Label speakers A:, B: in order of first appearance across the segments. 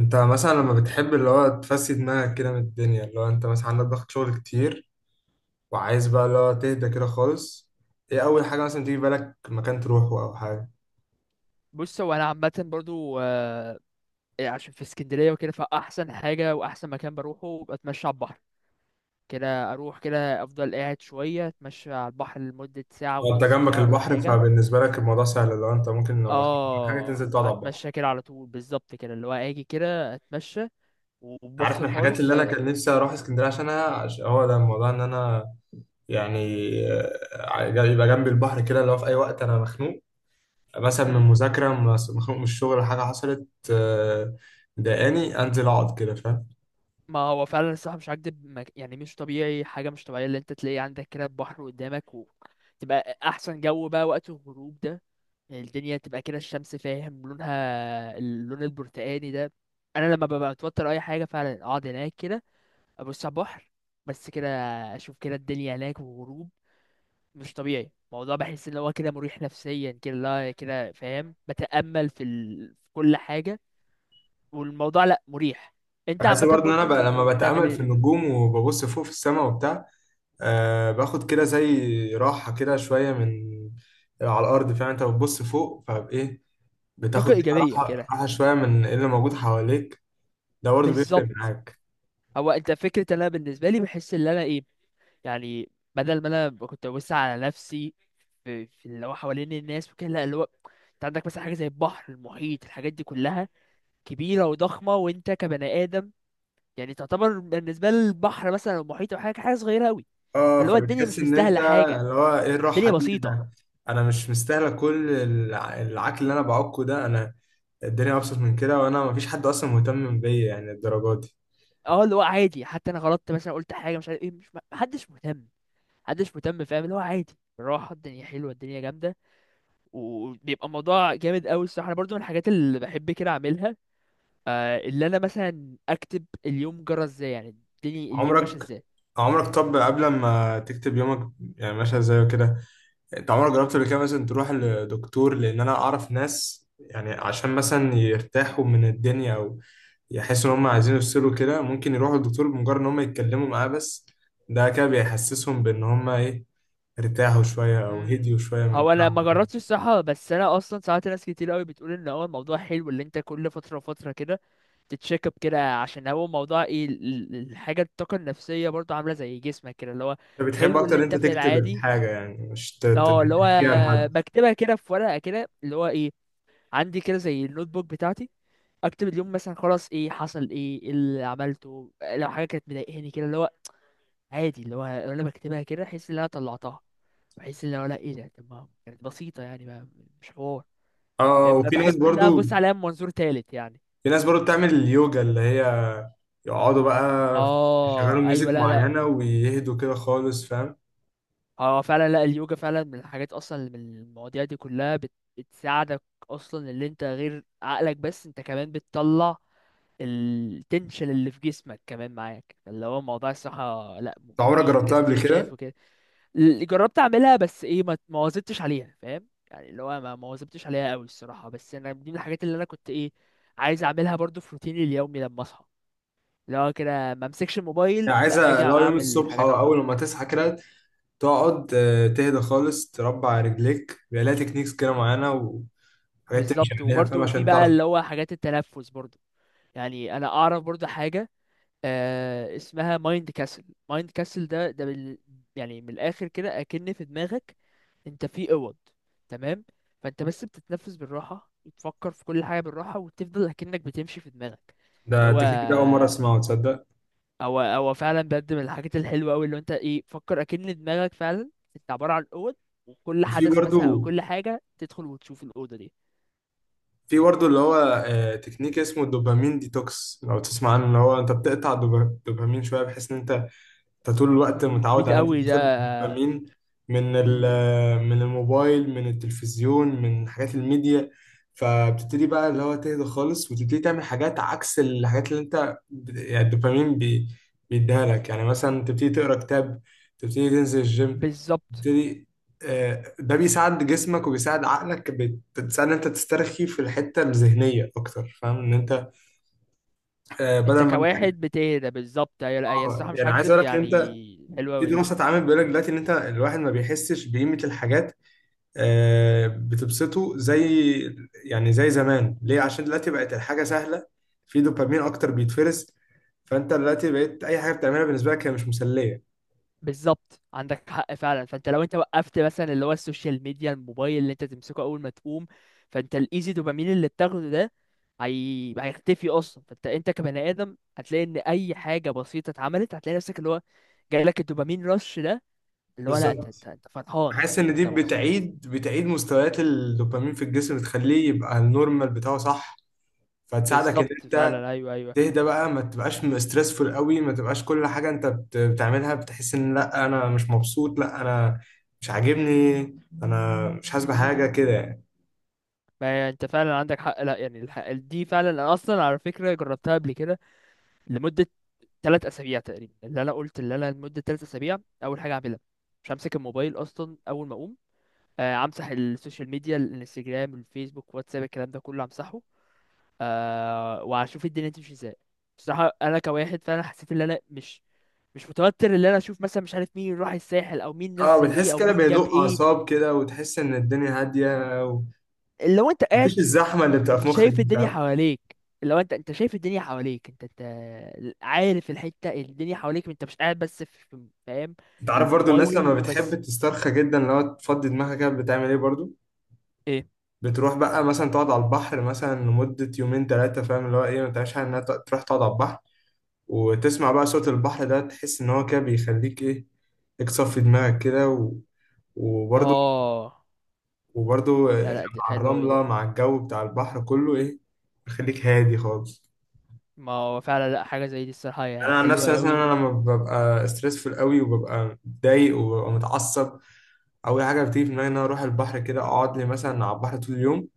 A: انت مثلا لما بتحب اللي هو تفسي دماغك كده من الدنيا، اللي هو انت مثلا عندك ضغط شغل كتير، وعايز بقى اللي هو تهدى كده خالص. ايه اول حاجة مثلا تيجي في بالك، مكان تروحه او حاجة؟
B: بص، هو انا عامه برضو عشان في اسكندريه وكده، فاحسن حاجه واحسن مكان بروحه بتمشى على البحر كده. اروح كده، افضل قاعد شويه اتمشى على البحر لمده ساعه
A: لو انت
B: ونص
A: جنبك
B: كده ولا
A: البحر
B: حاجه.
A: فبالنسبة لك الموضوع سهل، اللي هو انت ممكن لو مخنوق من حاجة تنزل
B: اه،
A: تقعد على البحر.
B: اتمشى كده على طول، بالظبط كده، اللي هو اجي كده اتمشى
A: انت عارف من
B: وبفصل
A: الحاجات
B: خالص.
A: اللي انا كان نفسي اروح اسكندرية عشانها هو ده الموضوع ان انا يعني يبقى جنبي البحر كده، اللي هو في اي وقت انا مخنوق مثلا من
B: امم
A: مذاكرة مخنوق من الشغل، حاجة حصلت مضايقاني، انزل اقعد كده، فاهم؟
B: ما هو فعلا الصراحة مش هكدب، يعني مش طبيعي، حاجة مش طبيعية اللي انت تلاقي عندك كده البحر قدامك، وتبقى أحسن جو بقى وقت الغروب ده. يعني الدنيا تبقى كده، الشمس فاهم لونها اللون البرتقاني ده. أنا لما ببقى متوتر أي حاجة، فعلا أقعد هناك كده، أبص على البحر، بس كده، أشوف كده الدنيا هناك والغروب. مش طبيعي الموضوع، بحس إن هو كده مريح نفسيا كده، لا كده فاهم، بتأمل في كل حاجة. والموضوع لأ مريح. انت
A: بحس
B: عامة
A: برضه ان انا بقى لما
B: برضو بتعمل
A: بتامل في
B: ايه؟
A: النجوم وببص فوق في السماء وبتاع، باخد كده زي راحه كده شويه من على الارض، فاهم؟ انت بتبص فوق فايه،
B: طاقة
A: بتاخد كده
B: إيجابية
A: راحه
B: كده؟
A: راحه شويه من إيه اللي موجود حواليك. ده برضه بيفرق
B: بالظبط.
A: معاك.
B: هو أنت فكرة إن أنا بالنسبة لي بحس إن أنا إيه، يعني بدل ما أنا كنت ببص على نفسي في اللي هو حوالين الناس وكده، لا اللي هو أنت عندك مثلا حاجة زي البحر، المحيط، الحاجات دي كلها كبيرة وضخمة، وأنت كبني آدم يعني تعتبر بالنسبة للبحر مثلا أو المحيط أو حاجة، حاجة صغيرة أوي.
A: اه
B: فاللي هو الدنيا
A: فبتحس
B: مش
A: ان انت
B: مستاهلة حاجة،
A: اللي هو ايه الراحه
B: الدنيا
A: دي،
B: بسيطة.
A: انا مش مستاهله كل العك اللي انا بعكه ده، انا الدنيا ابسط من كده، وانا مفيش حد اصلا مهتم بيا يعني الدرجات دي.
B: اه، اللي هو عادي، حتى أنا غلطت مثلا قلت حاجة مش عارف إيه، مش محدش مهتم، محدش مهتم فاهم، اللي هو عادي بالراحة. الدنيا حلوة، الدنيا جامدة، وبيبقى الموضوع جامد قوي. الصراحه انا برضو من الحاجات اللي بحب كده اعملها، آه، اللي انا مثلا اكتب اليوم جرى ازاي، يعني الدنيا اليوم ماشي
A: عمرك
B: ازاي.
A: عمرك طب قبل ما تكتب يومك يعني ماشي ازاي وكده، انت عمرك جربت قبل كده مثلا تروح لدكتور؟ لان انا اعرف ناس يعني عشان مثلا يرتاحوا من الدنيا او يحسوا ان هم عايزين يفصلوا كده، ممكن يروحوا للدكتور بمجرد ان هم يتكلموا معاه بس، ده كده بيحسسهم بان هم ايه، ارتاحوا شوية او
B: امم
A: هديوا شوية من
B: هو انا ما
A: تعبهم.
B: جربتش الصراحه، بس انا اصلا ساعات ناس كتير قوي بتقول ان هو الموضوع حلو، اللي انت كل فتره وفتره كده تتشيك اب كده، عشان هو موضوع ايه الحاجه، الطاقه النفسيه برضو عامله زي جسمك كده اللي هو
A: انت بتحب
B: حلو،
A: اكتر
B: اللي
A: ان
B: انت
A: انت
B: في
A: تكتب
B: العادي.
A: الحاجة يعني مش
B: اه، اللي هو
A: تحكيها لحد؟
B: بكتبها كده في ورقه كده، اللي هو ايه، عندي كده زي النوت بوك بتاعتي، اكتب اليوم مثلا خلاص ايه حصل، ايه إيه اللي عملته، لو حاجه كانت مضايقاني كده، اللي هو عادي. اللي هو انا بكتبها كده، احس ان انا طلعتها، بحس ان هو لا ايه ده، طب ما كانت بسيطه يعني، ما مش حوار.
A: اه، وفي ناس
B: فبحب اللي أنا
A: برضو
B: ابص عليها من منظور تالت يعني.
A: في ناس برضو بتعمل اليوجا اللي هي يقعدوا بقى يشغلوا
B: اه
A: ميوزك
B: ايوه، لا لا.
A: معينة ويهدوا كده خالص، فاهم؟
B: اه فعلا، لا اليوجا فعلا من الحاجات، اصلا من المواضيع دي كلها بتساعدك، اصلا اللي انت غير عقلك، بس انت كمان بتطلع التنشن اللي في جسمك كمان معاك، اللي هو موضوع الصحة، لا
A: انت عمرك
B: مفيد
A: جربتها قبل
B: كاستريتشات
A: كده؟
B: وكده. جربت اعملها بس ايه، ما واظبتش عليها فاهم، يعني اللي هو ما واظبتش عليها قوي الصراحه، بس انا دي من الحاجات اللي انا كنت ايه، عايز اعملها برضو في روتيني اليومي لما اصحى، اللي هو كده ما امسكش الموبايل،
A: يعني
B: لا
A: عايزة
B: اجي
A: لو يوم
B: اعمل
A: الصبح
B: حاجات
A: أو
B: على طول.
A: أول ما تصحى كده، تقعد تهدى خالص، تربع رجليك، بيبقى لها تكنيكس كده معينة، وحاجات تمشي
B: بالظبط.
A: عليها، فاهم
B: وبرضو في
A: عشان
B: بقى
A: تعرف؟
B: اللي هو حاجات التنفس برضو، يعني انا اعرف برضو حاجه، آه، اسمها مايند كاسل. مايند كاسل ده يعني من الاخر كده، اكن في دماغك انت في اوض، تمام؟ فانت بس بتتنفس بالراحه، وتفكر في كل حاجه بالراحه، وتفضل اكنك بتمشي في دماغك. اللي
A: ده
B: هو،
A: التكنيك ده أول مرة أسمعه تصدق.
B: او فعلا بجد من الحاجات الحلوه قوي، اللي انت ايه فكر اكن دماغك فعلا انت عباره عن اوض، وكل
A: وفي
B: حدث مثلا او
A: برضو
B: كل حاجه تدخل وتشوف الاوضه دي.
A: في برضو اللي هو تكنيك اسمه الدوبامين ديتوكس، لو تسمع عنه، اللي هو أنت بتقطع الدوبامين شوية، بحيث إن أنت، انت طول الوقت متعود
B: مفيد
A: على ان انت
B: قوي ده.
A: تاخد دوبامين
B: مم،
A: من الموبايل، من التلفزيون، من حاجات الميديا. فبتبتدي بقى اللي هو تهدى خالص، وتبتدي تعمل حاجات عكس الحاجات اللي انت يعني الدوبامين بيديها لك، يعني مثلا تبتدي تقرا كتاب، تبتدي تنزل الجيم،
B: بالظبط.
A: تبتدي ده بيساعد جسمك وبيساعد عقلك، بتساعد ان انت تسترخي في الحتة الذهنية اكتر، فاهم ان انت بدل
B: انت
A: ما انت.
B: كواحد بتهدى، بالظبط. هي لا، هي
A: اه
B: الصراحه مش
A: يعني عايز اقول
B: هكدب
A: لك ان انت،
B: يعني، حلوه
A: في
B: قوي دي.
A: دراسه اتعملت بيقول لك دلوقتي ان انت الواحد ما بيحسش بقيمه الحاجات بتبسطه زي، يعني زي زمان، ليه؟ عشان دلوقتي بقت الحاجه سهله، في دوبامين اكتر بيتفرز، فانت دلوقتي بقيت اي حاجه بتعملها بالنسبه لك هي مش مسليه.
B: بالظبط عندك حق فعلا، فانت لو انت وقفت مثلا اللي هو السوشيال ميديا، الموبايل اللي انت تمسكه اول ما تقوم، فانت الايزي دوبامين اللي بتاخده ده هيختفي اصلا. فانت انت كبني ادم هتلاقي ان اي حاجه بسيطه اتعملت، هتلاقي نفسك اللي هو جاي لك الدوبامين رش ده، اللي هو لا انت انت,
A: بالظبط،
B: انت فرحان،
A: حاسس ان دي
B: انت مبسوط.
A: بتعيد مستويات الدوبامين في الجسم، بتخليه يبقى النورمال بتاعه، صح؟ فتساعدك ان
B: بالظبط
A: انت
B: فعلا، ايوه ايوه.
A: تهدى بقى، ما تبقاش مسترسفول قوي، ما تبقاش كل حاجة انت بتعملها بتحس ان لا انا مش مبسوط، لا انا مش عاجبني، انا مش حاسس بحاجة
B: مم.
A: كده يعني.
B: ما هي انت فعلا عندك حق، لا يعني الحق دي فعلا، انا اصلا على فكره جربتها قبل كده، لمده ثلاث اسابيع تقريبا. اللي انا قلت اللي انا لمده ثلاث اسابيع، اول حاجه اعملها مش همسك الموبايل اصلا اول ما اقوم، امسح السوشيال ميديا، الانستجرام، الفيسبوك، واتساب، الكلام ده كله امسحه، أه، واشوف الدنيا تمشي ازاي. بصراحه انا كواحد فعلا حسيت ان انا مش متوتر، ان انا اشوف مثلا مش عارف مين راح الساحل، او مين
A: اه
B: نزل ايه،
A: بتحس
B: او
A: كده
B: مين جاب
A: بهدوء
B: ايه.
A: اعصاب كده، وتحس ان الدنيا هادية،
B: لو انت قاعد،
A: ومفيش الزحمة اللي بتبقى في مخك
B: شايف
A: دي،
B: الدنيا
A: فاهم؟
B: حواليك، لو انت شايف الدنيا حواليك، انت عارف الحتة، الدنيا حواليك، انت مش قاعد بس في فاهم
A: انت عارف برضو الناس
B: الموبايل
A: لما
B: وبس.
A: بتحب تسترخى جدا لو تفضي دماغها كده بتعمل ايه برضو؟
B: ايه؟
A: بتروح بقى مثلا تقعد على البحر مثلا لمدة يومين ثلاثة، فاهم؟ اللي هو ايه ما تعيش انها تروح تقعد على البحر، وتسمع بقى صوت البحر ده، تحس إن هو كده بيخليك إيه، ليك صفي دماغك كده وبرضه
B: اه،
A: وبرضه
B: لا لا دي
A: مع
B: حلوة أوي دي.
A: الرملة مع الجو بتاع البحر كله إيه، بيخليك هادي خالص.
B: ما هو فعلا لا، حاجة زي دي الصراحة هي
A: أنا عن نفسي
B: حلوة
A: مثلا،
B: أوي.
A: أنا لما ببقى ستريسفول قوي وببقى متضايق وببقى متعصب، أول حاجة بتيجي في دماغي إن أنا أروح البحر، كده أقعد لي مثلا على البحر طول اليوم،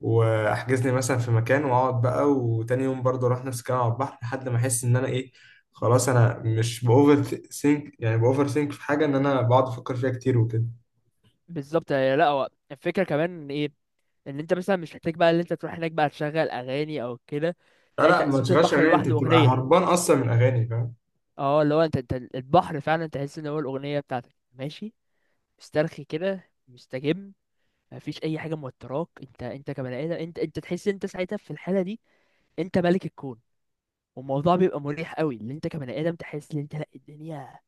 A: واحجز لي مثلا في مكان واقعد بقى، وتاني يوم برضه اروح نفس الكلام على البحر لحد ما احس ان انا ايه، خلاص انا مش باوفر ثينك، يعني باوفر ثينك في حاجه ان انا بقعد افكر فيها كتير وكده.
B: بالظبط. هي- لا، هو الفكرة كمان إن ايه، ان انت مثلا مش محتاج بقى ان انت تروح هناك بقى تشغل اغاني او كده.
A: لا
B: لا، انت
A: لا، ما
B: صوت
A: تشغلش
B: البحر
A: اغاني، انت
B: لوحده
A: بتبقى
B: اغنية.
A: هربان اصلا من اغاني، فاهم؟
B: اه اللي هو انت، انت البحر فعلا تحس ان هو الاغنية بتاعتك، ماشي مسترخي كده، مستجم، مفيش اي حاجه موتراك. انت كبني ادم، انت تحس انت ساعتها في الحاله دي انت ملك الكون. والموضوع بيبقى مريح قوي، اللي انت كبني ادم تحس ان انت لا، الدنيا،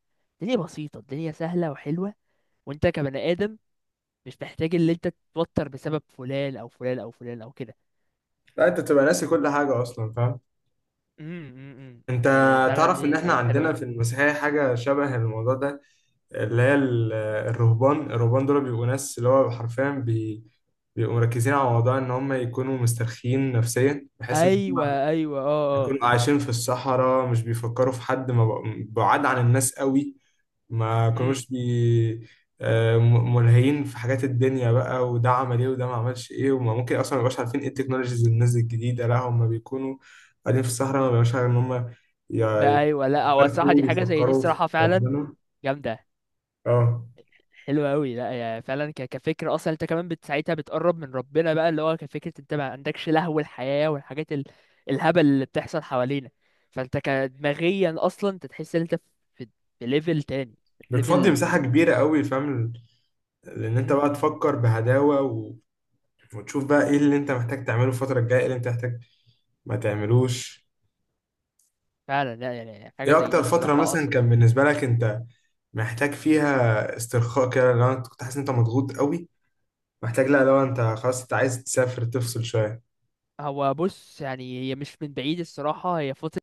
B: الدنيا بسيطه، الدنيا سهله وحلوه، وانت كبني ادم مش محتاج اللي انت تتوتر بسبب فلان او فلان او فلان او كده.
A: لا انت بتبقى ناسي كل حاجه اصلا، فاهم؟
B: امم امم
A: انت
B: يعني فعلا
A: تعرف
B: دي
A: ان احنا
B: الحاجات الحلوه أوي.
A: عندنا في المسيحيه حاجه شبه الموضوع ده، اللي هي الرهبان دول بيبقوا ناس اللي هو حرفيا بيبقوا مركزين على موضوع ان هم يكونوا مسترخيين نفسيا، بحيث ان
B: ايوه
A: هم
B: ايوه، اه اه.
A: بيكونوا عايشين في الصحراء، مش بيفكروا في حد، ما بق- بعاد عن الناس قوي، ما
B: امم
A: كانوش ملهيين في حاجات الدنيا بقى، وده عمل ايه وده ما عملش ايه، وما ممكن اصلا ما يبقاش عارفين ايه التكنولوجيز اللي نزلت الجديده، لا هم بيكونوا قاعدين في الصحراء، ما بيبقاش عارف ان هم
B: بقى
A: ي-
B: ايوه، لا هو الصراحه
A: يعرفوا
B: دي حاجه زي دي
A: يفكروا في
B: الصراحه فعلا
A: ربنا.
B: جامده.
A: اه
B: حلو قوي، لا يا فعلا، كفكره اصلا انت كمان ساعتها بتقرب من ربنا بقى، اللي هو كفكره انت ما عندكش لهو الحياه والحاجات الهبل اللي بتحصل حوالينا. فانت كدماغيا اصلا انت تحس ان انت في، في ليفل تاني، في
A: بتفضي
B: ليفل.
A: مساحة كبيرة قوي، فاهم لان انت بقى
B: امم
A: تفكر بهداوة وتشوف بقى ايه اللي انت محتاج تعمله الفترة الجاية، ايه اللي انت محتاج ما تعملوش.
B: فعلا، لا يعني حاجه
A: ايه
B: زي دي
A: اكتر فترة
B: الصراحه
A: مثلا كان
B: اصلا.
A: بالنسبة لك انت محتاج فيها استرخاء كده؟ لو انت كنت حاسس ان انت مضغوط قوي، محتاج، لا لو انت خلاص انت عايز تسافر تفصل شوية.
B: هو بص، يعني هي مش من بعيد الصراحه، هي فتره،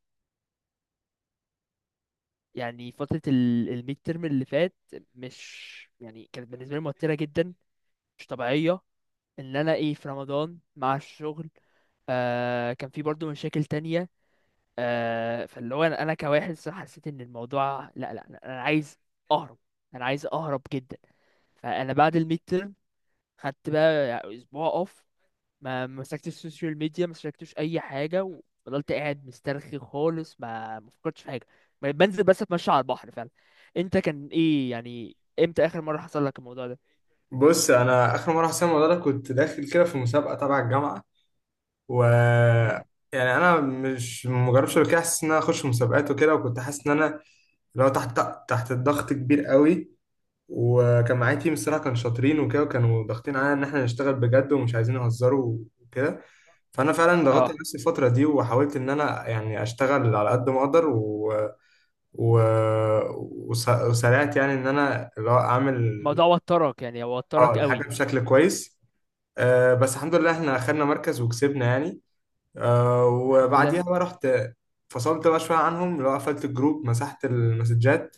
B: يعني فتره الميد ترم اللي فات، مش يعني كانت بالنسبه لي موتره جدا، مش طبيعيه، ان انا ايه في رمضان مع الشغل. آه، كان في برضو مشاكل تانية. آه، فاللي هو انا، أنا كواحد صراحة حسيت ان الموضوع لا لا لا، انا عايز اهرب، انا عايز اهرب جدا. فانا بعد الميد تيرم خدت بقى اسبوع اوف، ما مسكتش السوشيال ميديا، ما مسكتش اي حاجة، وفضلت قاعد مسترخي خالص، ما فكرتش في حاجة، بنزل بس اتمشى على البحر فعلا. انت كان ايه يعني، امتى اخر مرة حصل لك الموضوع ده؟
A: بص، انا اخر مرة حسيت الموضوع ده كنت داخل كده في مسابقة تبع الجامعة و
B: مم.
A: يعني انا مش مجربش قبل كده، حاسس ان انا اخش مسابقات وكده، وكنت حاسس ان انا لو تحت الضغط كبير قوي. وكان معايا تيم، الصراحة كانوا شاطرين وكده، وكانوا ضاغطين علينا ان احنا نشتغل بجد ومش عايزين نهزروا وكده، فانا فعلا ضغطت
B: اه،
A: نفسي الفتره دي، وحاولت ان انا يعني اشتغل على قد ما اقدر و... وسرعت يعني ان انا اللي هو اعمل
B: الموضوع وترك يعني،
A: اه
B: وترك قوي.
A: الحاجه بشكل كويس. بس الحمد لله احنا اخدنا مركز وكسبنا يعني،
B: الحمد لله.
A: وبعديها بقى رحت، فصلت بقى شويه عنهم، اللي هو قفلت الجروب، مسحت المسجات،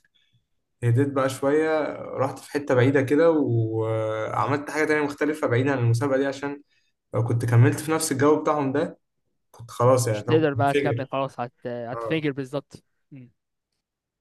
A: هديت بقى شويه، رحت في حته بعيده كده وعملت حاجه تانية مختلفه بعيدا عن المسابقه دي، عشان لو كنت كملت في نفس الجو بتاعهم ده كنت خلاص، يعني
B: كنتش
A: فاهم؟
B: تقدر
A: كنت
B: بقى تكمل
A: منفجر
B: خلاص،
A: اه.
B: هتنفجر بالظبط. م.